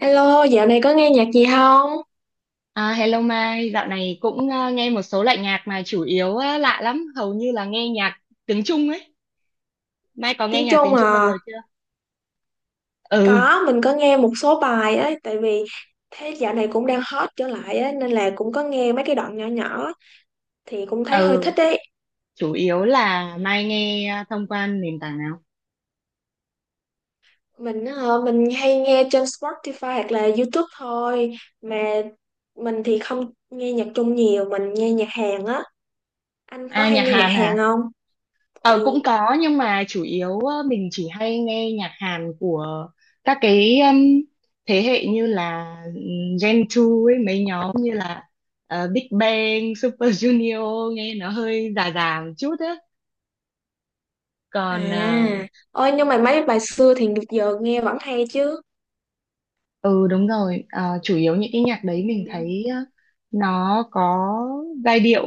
Hello, dạo này có nghe nhạc gì không? À, hello Mai, dạo này cũng nghe một số loại nhạc mà chủ yếu á, lạ lắm, hầu như là nghe nhạc tiếng Trung ấy. Mai có nghe Tiếng nhạc Trung tiếng Trung bao à? giờ chưa? Ừ, Có, mình có nghe một số bài ấy, tại vì thế dạo này cũng đang hot trở lại á, nên là cũng có nghe mấy cái đoạn nhỏ nhỏ thì cũng thấy hơi ừ, thích ấy. chủ yếu là Mai nghe thông qua nền tảng nào? Mình hay nghe trên Spotify hoặc là YouTube thôi, mà mình thì không nghe nhạc Trung nhiều, mình nghe nhạc Hàn á. Anh có À, hay nhạc nghe nhạc Hàn Hàn hả? không? Ờ, cũng Ừ. có nhưng mà chủ yếu mình chỉ hay nghe nhạc Hàn của các cái thế hệ như là Gen 2 ấy, mấy nhóm như là Big Bang, Super Junior nghe nó hơi già già một chút á. À, còn ờ, ôi nhưng mà mấy bài xưa thì giờ nghe vẫn hay chứ. Ừ đúng rồi, à, chủ yếu những cái nhạc Ừ. đấy mình thấy nó có giai điệu,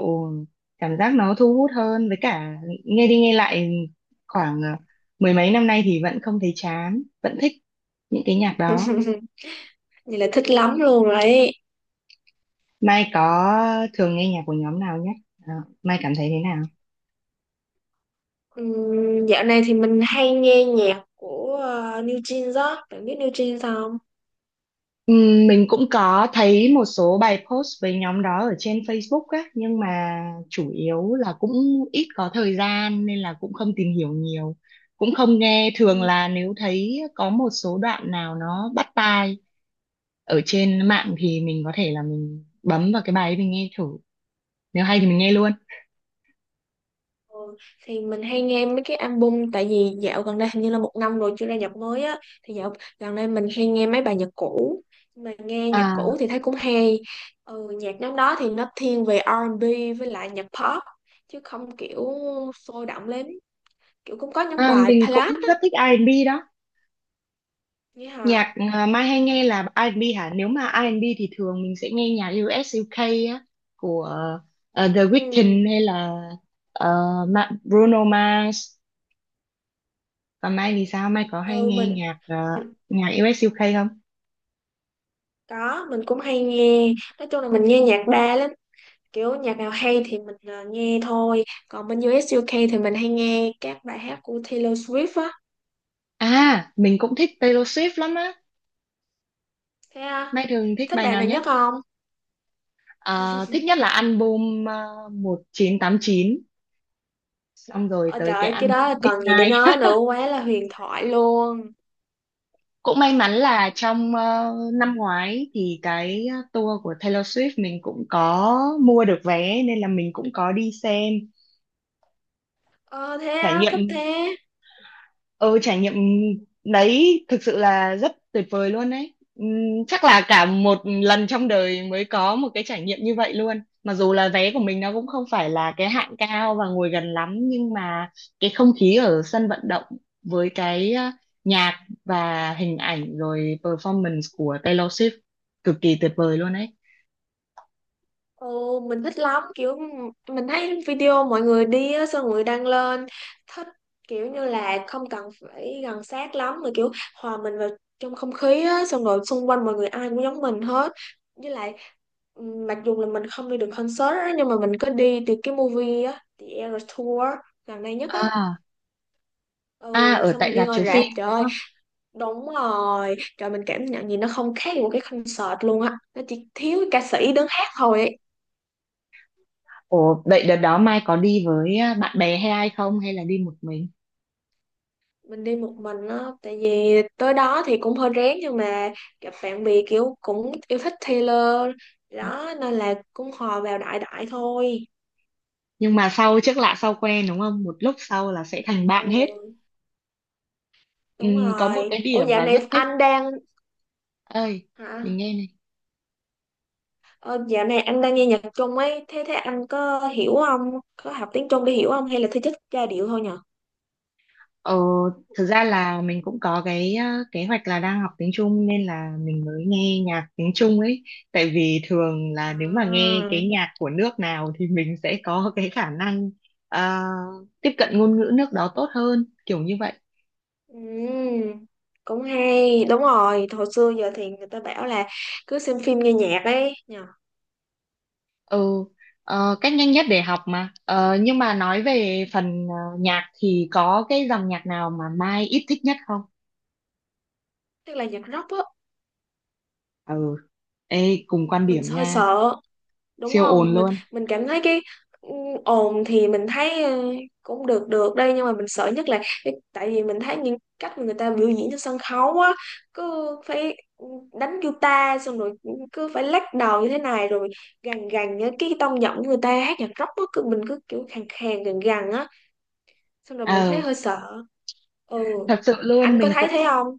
cảm giác nó thu hút hơn, với cả nghe đi nghe lại khoảng mười mấy năm nay thì vẫn không thấy chán, vẫn thích những cái nhạc đó. Vậy là thích lắm luôn rồi. Mai có thường nghe nhạc của nhóm nào nhé? Ờ, Mai cảm thấy thế nào? Dạo này thì mình hay nghe nhạc của New Jeans đó, bạn biết New Jeans không? Mình cũng có thấy một số bài post với nhóm đó ở trên Facebook á, nhưng mà chủ yếu là cũng ít có thời gian nên là cũng không tìm hiểu nhiều, cũng không nghe. Thường Ừm, là nếu thấy có một số đoạn nào nó bắt tai ở trên mạng thì mình có thể là mình bấm vào cái bài ấy mình nghe thử. Nếu hay thì mình nghe luôn. ừ. Thì mình hay nghe mấy cái album, tại vì dạo gần đây hình như là một năm rồi chưa ra nhạc mới á, thì dạo gần đây mình hay nghe mấy bài nhạc cũ. Nhưng mà nghe nhạc cũ À, thì thấy cũng hay. Ừ, nhạc nhóm đó thì nó thiên về R&B với lại nhạc pop, chứ không kiểu sôi động lắm, kiểu cũng có những à bài mình ballad cũng á. rất thích R&B đó. Nghĩa hả? Nhạc à, Mai hay nghe là R&B hả? Nếu mà R&B thì thường mình sẽ nghe nhạc US UK á, của The Ừ. Weeknd hay là ờ, Bruno Mars. Còn Mai thì sao? Mai có hay ừ nghe mình nhạc US UK không? có, mình cũng hay nghe, nói chung là mình nghe nhạc đa lắm, kiểu nhạc nào hay thì mình nghe thôi. Còn bên U.S. u UK thì mình hay nghe các bài hát của Taylor Swift á. À, mình cũng thích Taylor Swift lắm á. Thế à, Mai thường thích thích bài bài nào nào nhất? nhất không? Ờ, thích nhất là album 1989, xong rồi Ôi tới trời, cái ơi, cái album đó còn gì để Midnight. nói nữa, quá là huyền thoại luôn. Cũng may mắn là trong năm ngoái thì cái tour của Taylor Swift mình cũng có mua được vé nên là mình cũng có đi xem, Ờ thế trải á, thích nghiệm. thế. Ừ trải nghiệm đấy thực sự là rất tuyệt vời luôn đấy. Chắc là cả một lần trong đời mới có một cái trải nghiệm như vậy luôn, mặc dù là vé của mình nó cũng không phải là cái hạng cao và ngồi gần lắm, nhưng mà cái không khí ở sân vận động với cái nhạc và hình ảnh rồi performance của Taylor Swift cực kỳ tuyệt vời luôn đấy. Ồ, mình thích lắm, kiểu mình thấy video mọi người đi á, xong mọi người đăng lên, thích kiểu như là không cần phải gần sát lắm mà kiểu hòa mình vào trong không khí á, xong rồi xung quanh mọi người ai cũng giống mình hết. Với lại mặc dù là mình không đi được concert á, nhưng mà mình có đi từ cái movie á, The Eras Tour gần đây nhất á. À, à Ừ, ở xong tại mình đi rạp ngồi chiếu rạp, phim trời đúng ơi, không? đúng rồi, trời, mình cảm nhận gì nó không khác gì một cái concert luôn á, nó chỉ thiếu ca sĩ đứng hát thôi ấy. Ồ, vậy đợt đó Mai có đi với bạn bè hay ai không, hay là đi một mình? Mình đi một mình á, tại vì tới đó thì cũng hơi rén, nhưng mà gặp bạn bè kiểu cũng yêu thích Taylor đó, nên là cũng hòa vào đại đại thôi. Nhưng mà sau, trước lạ sau quen đúng không, một lúc sau là sẽ thành bạn hết. Ừ, đúng Có một rồi. cái Ủa điểm dạo mà rất này thích. anh đang, Ơi, mình hả? nghe này. Ờ, Dạo này anh đang nghe nhạc Trung ấy, thế thế anh có hiểu không, có học tiếng Trung để hiểu không hay là thứ chất giai điệu thôi nhở? Ờ, thực ra là mình cũng có cái kế hoạch là đang học tiếng Trung nên là mình mới nghe nhạc tiếng Trung ấy, tại vì thường là nếu mà À, nghe cái nhạc của nước nào thì mình sẽ có cái khả năng ờ, tiếp cận ngôn ngữ nước đó tốt hơn, kiểu như vậy. ừm, cũng hay. Đúng rồi, hồi xưa giờ thì người ta bảo là cứ xem phim nghe nhạc ấy nhở. Ừ, cách nhanh nhất để học mà. Ờ, nhưng mà nói về phần nhạc thì có cái dòng nhạc nào mà Mai ít thích nhất không? Tức là nhạc rock á, Ừ, ê, cùng quan mình điểm hơi nha, sợ. Đúng siêu ồn không? mình luôn. mình cảm thấy cái ừ, ồn thì mình thấy cũng được được đây, nhưng mà mình sợ nhất là cái- tại vì mình thấy những cách mà người ta biểu diễn trên sân khấu á, cứ phải đánh guitar, xong rồi cứ phải lắc đầu như thế này, rồi gằn gằn á, cái tông giọng của người ta hát nhạc rock á cứ mình cứ kiểu khàn khàn gằn gằn á, xong rồi mình thấy Ờ, hơi sợ. Ừ, thật sự luôn, anh có mình thấy cũng thế không?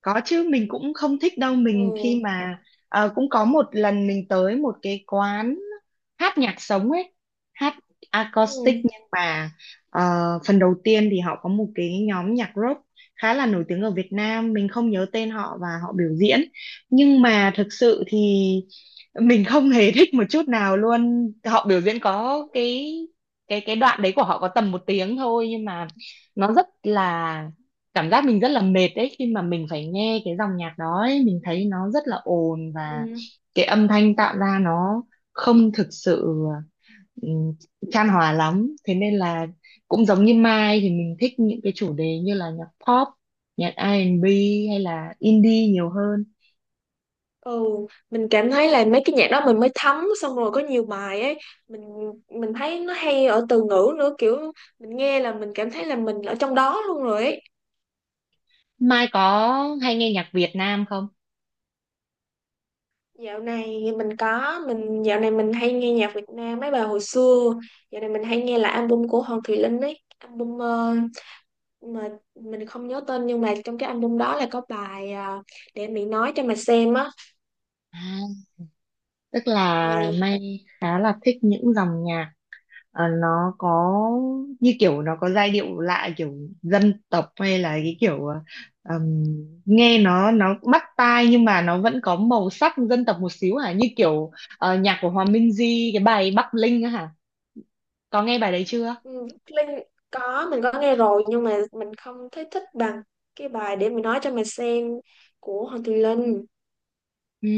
có chứ, mình cũng không thích đâu. Mình Ừ, khi mà cũng có một lần mình tới một cái quán hát nhạc sống ấy, hát ừ, acoustic, nhưng mà ờ, phần đầu tiên thì họ có một cái nhóm nhạc rock khá là nổi tiếng ở Việt Nam, mình không nhớ tên họ, và họ biểu diễn nhưng mà thực sự thì mình không hề thích một chút nào luôn. Họ biểu diễn có cái, cái đoạn đấy của họ có tầm một tiếng thôi nhưng mà nó rất là, cảm giác mình rất là mệt đấy khi mà mình phải nghe cái dòng nhạc đó ấy. Mình thấy nó rất là ồn, và ừ. cái âm thanh tạo ra nó không thực sự ừm, chan hòa lắm, thế nên là cũng giống như Mai, thì mình thích những cái chủ đề như là nhạc pop, nhạc R&B hay là indie nhiều hơn. Ừ, mình cảm thấy là mấy cái nhạc đó mình mới thấm, xong rồi có nhiều bài ấy, mình thấy nó hay ở từ ngữ nữa, kiểu mình nghe là mình cảm thấy là mình ở trong đó luôn rồi ấy. Mai có hay nghe nhạc Việt Nam không? Dạo này mình có, dạo này mình hay nghe nhạc Việt Nam mấy bài hồi xưa. Dạo này mình hay nghe là album của Hoàng Thùy Linh ấy, album mà mình không nhớ tên, nhưng mà trong cái album đó là có bài để mình nói cho mà xem á. À, tức là Ừ. Mai khá là thích những dòng nhạc, ờ, nó có như kiểu, nó có giai điệu lạ, kiểu dân tộc, hay là cái kiểu ừm, nghe nó bắt tai nhưng mà nó vẫn có màu sắc dân tộc một xíu hả, như kiểu nhạc của Hòa Minzy cái bài Bắc Linh á hả, có nghe bài đấy chưa? Ừ, Linh, có, mình có nghe rồi, nhưng mà mình không thấy thích bằng cái bài Để Mình Nói Cho Mày Xem của Hoàng Thùy Linh. Ừ,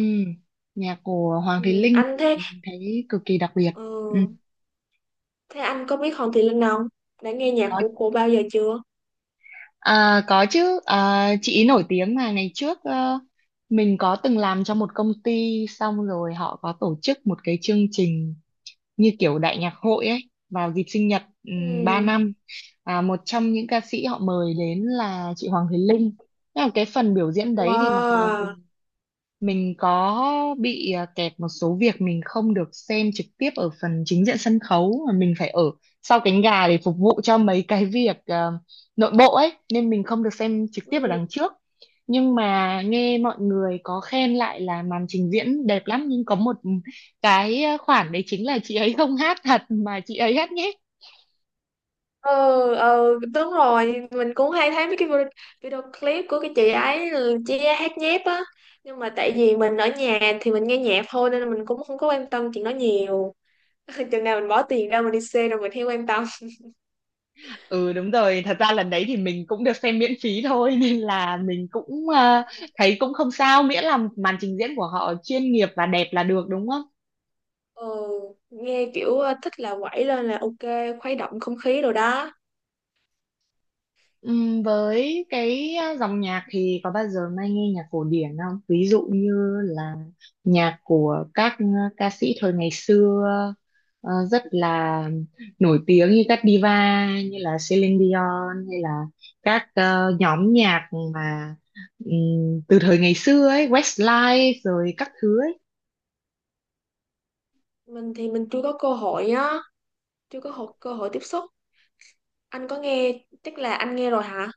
nhạc của Hoàng Thùy Ừ, Linh anh thế. thì mình thấy cực kỳ đặc biệt. Ừ. Ừ, thế anh có biết Hoàng Thùy Linh không, đã nghe nhạc Có. của cô bao giờ chưa? À, có chứ, à, chị ý nổi tiếng mà. Ngày trước mình có từng làm cho một công ty, xong rồi họ có tổ chức một cái chương trình như kiểu đại nhạc hội ấy vào dịp sinh nhật 3 Ừ. năm. À, một trong những ca sĩ họ mời đến là chị Hoàng Thùy Linh. Thế là cái phần biểu diễn đấy thì mặc dù Wow. mình có bị à, kẹt một số việc, mình không được xem trực tiếp ở phần chính diện sân khấu mà mình phải ở sau cánh gà để phục vụ cho mấy cái việc nội bộ ấy, nên mình không được xem trực tiếp ở Ừ. đằng trước. Nhưng mà nghe mọi người có khen lại là màn trình diễn đẹp lắm, nhưng có một cái khoản đấy chính là chị ấy không hát thật mà chị ấy hát nhép. Ừ ừ, đúng rồi, mình cũng hay thấy mấy cái video, video clip của cái chị ấy, chị ấy hát nhép á, nhưng mà tại vì mình ở nhà thì mình nghe nhạc thôi, nên là mình cũng không có quan tâm chuyện đó nhiều. Chừng nào mình bỏ tiền ra mình đi xe rồi mình theo quan tâm. Ừ đúng rồi, thật ra lần đấy thì mình cũng được xem miễn phí thôi nên là mình cũng thấy cũng không sao, miễn là màn trình diễn của họ chuyên nghiệp và đẹp là được đúng không? Ờ, nghe kiểu thích là quẩy lên là ok, khuấy động không khí rồi đó. Với cái dòng nhạc thì có bao giờ Mai nghe nhạc cổ điển không? Ví dụ như là nhạc của các ca sĩ thời ngày xưa rất là nổi tiếng, như các diva như là Celine Dion, hay là các nhóm nhạc mà từ thời ngày xưa ấy, Westlife rồi các thứ ấy. Mình thì mình chưa có cơ hội á, chưa có hộ- cơ hội tiếp xúc, anh có nghe, chắc là anh nghe rồi hả?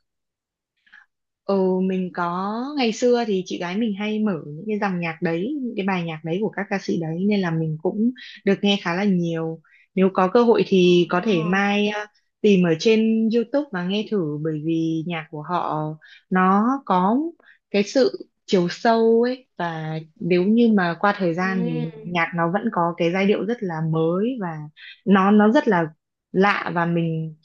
Ừ, mình có. Ngày xưa thì chị gái mình hay mở những cái dòng nhạc đấy, những cái bài nhạc đấy của các ca sĩ đấy, nên là mình cũng được nghe khá là nhiều. Nếu có cơ hội thì có thể Ồ. mai tìm ở trên YouTube và nghe thử, bởi vì nhạc của họ nó có cái sự chiều sâu ấy, và nếu như mà qua thời gian thì Ừm, nhạc nó vẫn có cái giai điệu rất là mới, và nó rất là lạ. Và mình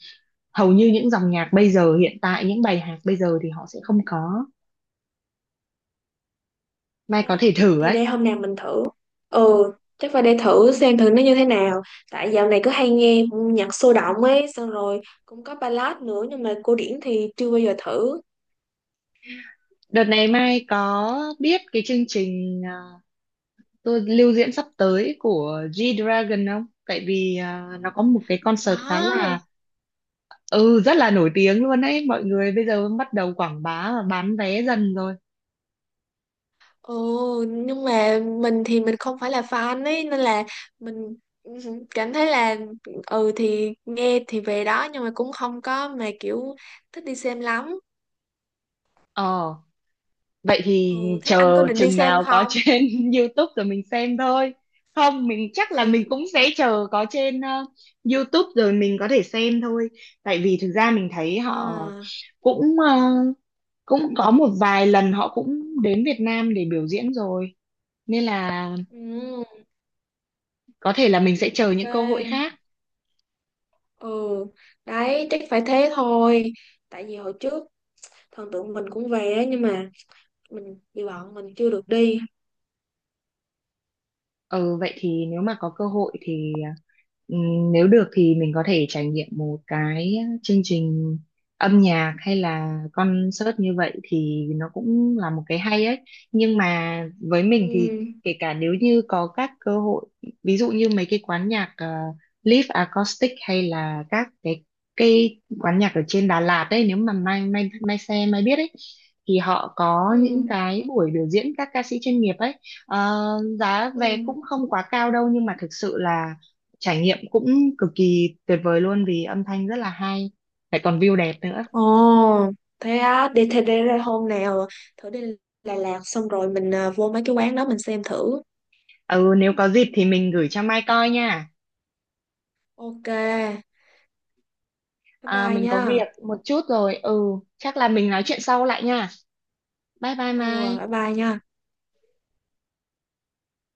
hầu như, những dòng nhạc bây giờ hiện tại, những bài hát bây giờ thì họ sẽ không có. Mai có yeah. thể thử Thì ấy. để hôm nào mình thử. Ừ, chắc phải để thử xem thử nó như thế nào, tại dạo này cứ hay nghe nhạc sôi động ấy, xong rồi cũng có ballad nữa, nhưng mà cổ điển thì chưa bao giờ thử. Đợt này Mai có biết cái chương trình à, tôi lưu diễn sắp tới của G-Dragon không, tại vì à, nó có một cái concert khá là Đó. ừ rất là nổi tiếng luôn ấy, mọi người bây giờ bắt đầu quảng bá và bán vé dần rồi. Ừ, nhưng mà mình thì mình không phải là fan ấy, nên là mình cảm thấy là ừ thì nghe thì về đó, nhưng mà cũng không có mà kiểu thích đi xem lắm. Ờ, vậy thì Ừ, thế anh có chờ định đi chừng xem nào có không? trên YouTube rồi mình xem thôi. Không, mình chắc là mình cũng sẽ chờ có trên YouTube rồi mình có thể xem thôi. Tại vì thực ra mình thấy họ À, cũng ờ, cũng có một vài lần họ cũng đến Việt Nam để biểu diễn rồi. Nên là ừ, có thể là mình sẽ chờ những cơ hội ok. khác. Ừ, đấy, chắc phải thế thôi. Tại vì hồi trước thần tượng mình cũng về á, nhưng mà mình vì bọn mình chưa được đi. Ừ, vậy thì nếu mà có cơ hội thì nếu được thì mình có thể trải nghiệm một cái chương trình âm nhạc hay là concert như vậy thì nó cũng là một cái hay ấy. Nhưng mà với mình thì Ừ, kể cả nếu như có các cơ hội, ví dụ như mấy cái quán nhạc live acoustic hay là các cái quán nhạc ở trên Đà Lạt ấy, nếu mà mai mai mai xe mai biết ấy thì họ có những ừ, cái buổi biểu diễn các ca sĩ chuyên nghiệp ấy. Ờ, giá vé ừ. cũng không quá cao đâu nhưng mà thực sự là trải nghiệm cũng cực kỳ tuyệt vời luôn, vì âm thanh rất là hay, lại còn view đẹp nữa. Ồ, thế á, đi thế để ra hôm nào thử đi Đà Lạt, xong rồi mình vô mấy cái quán đó mình xem thử. Ừ, nếu có dịp thì mình gửi cho Mai coi nha. Ok, bye À, bye mình có nha. việc một chút rồi, ừ chắc là mình nói chuyện sau lại nha. Bye bye Ừ, à, Mai. bye bye nha.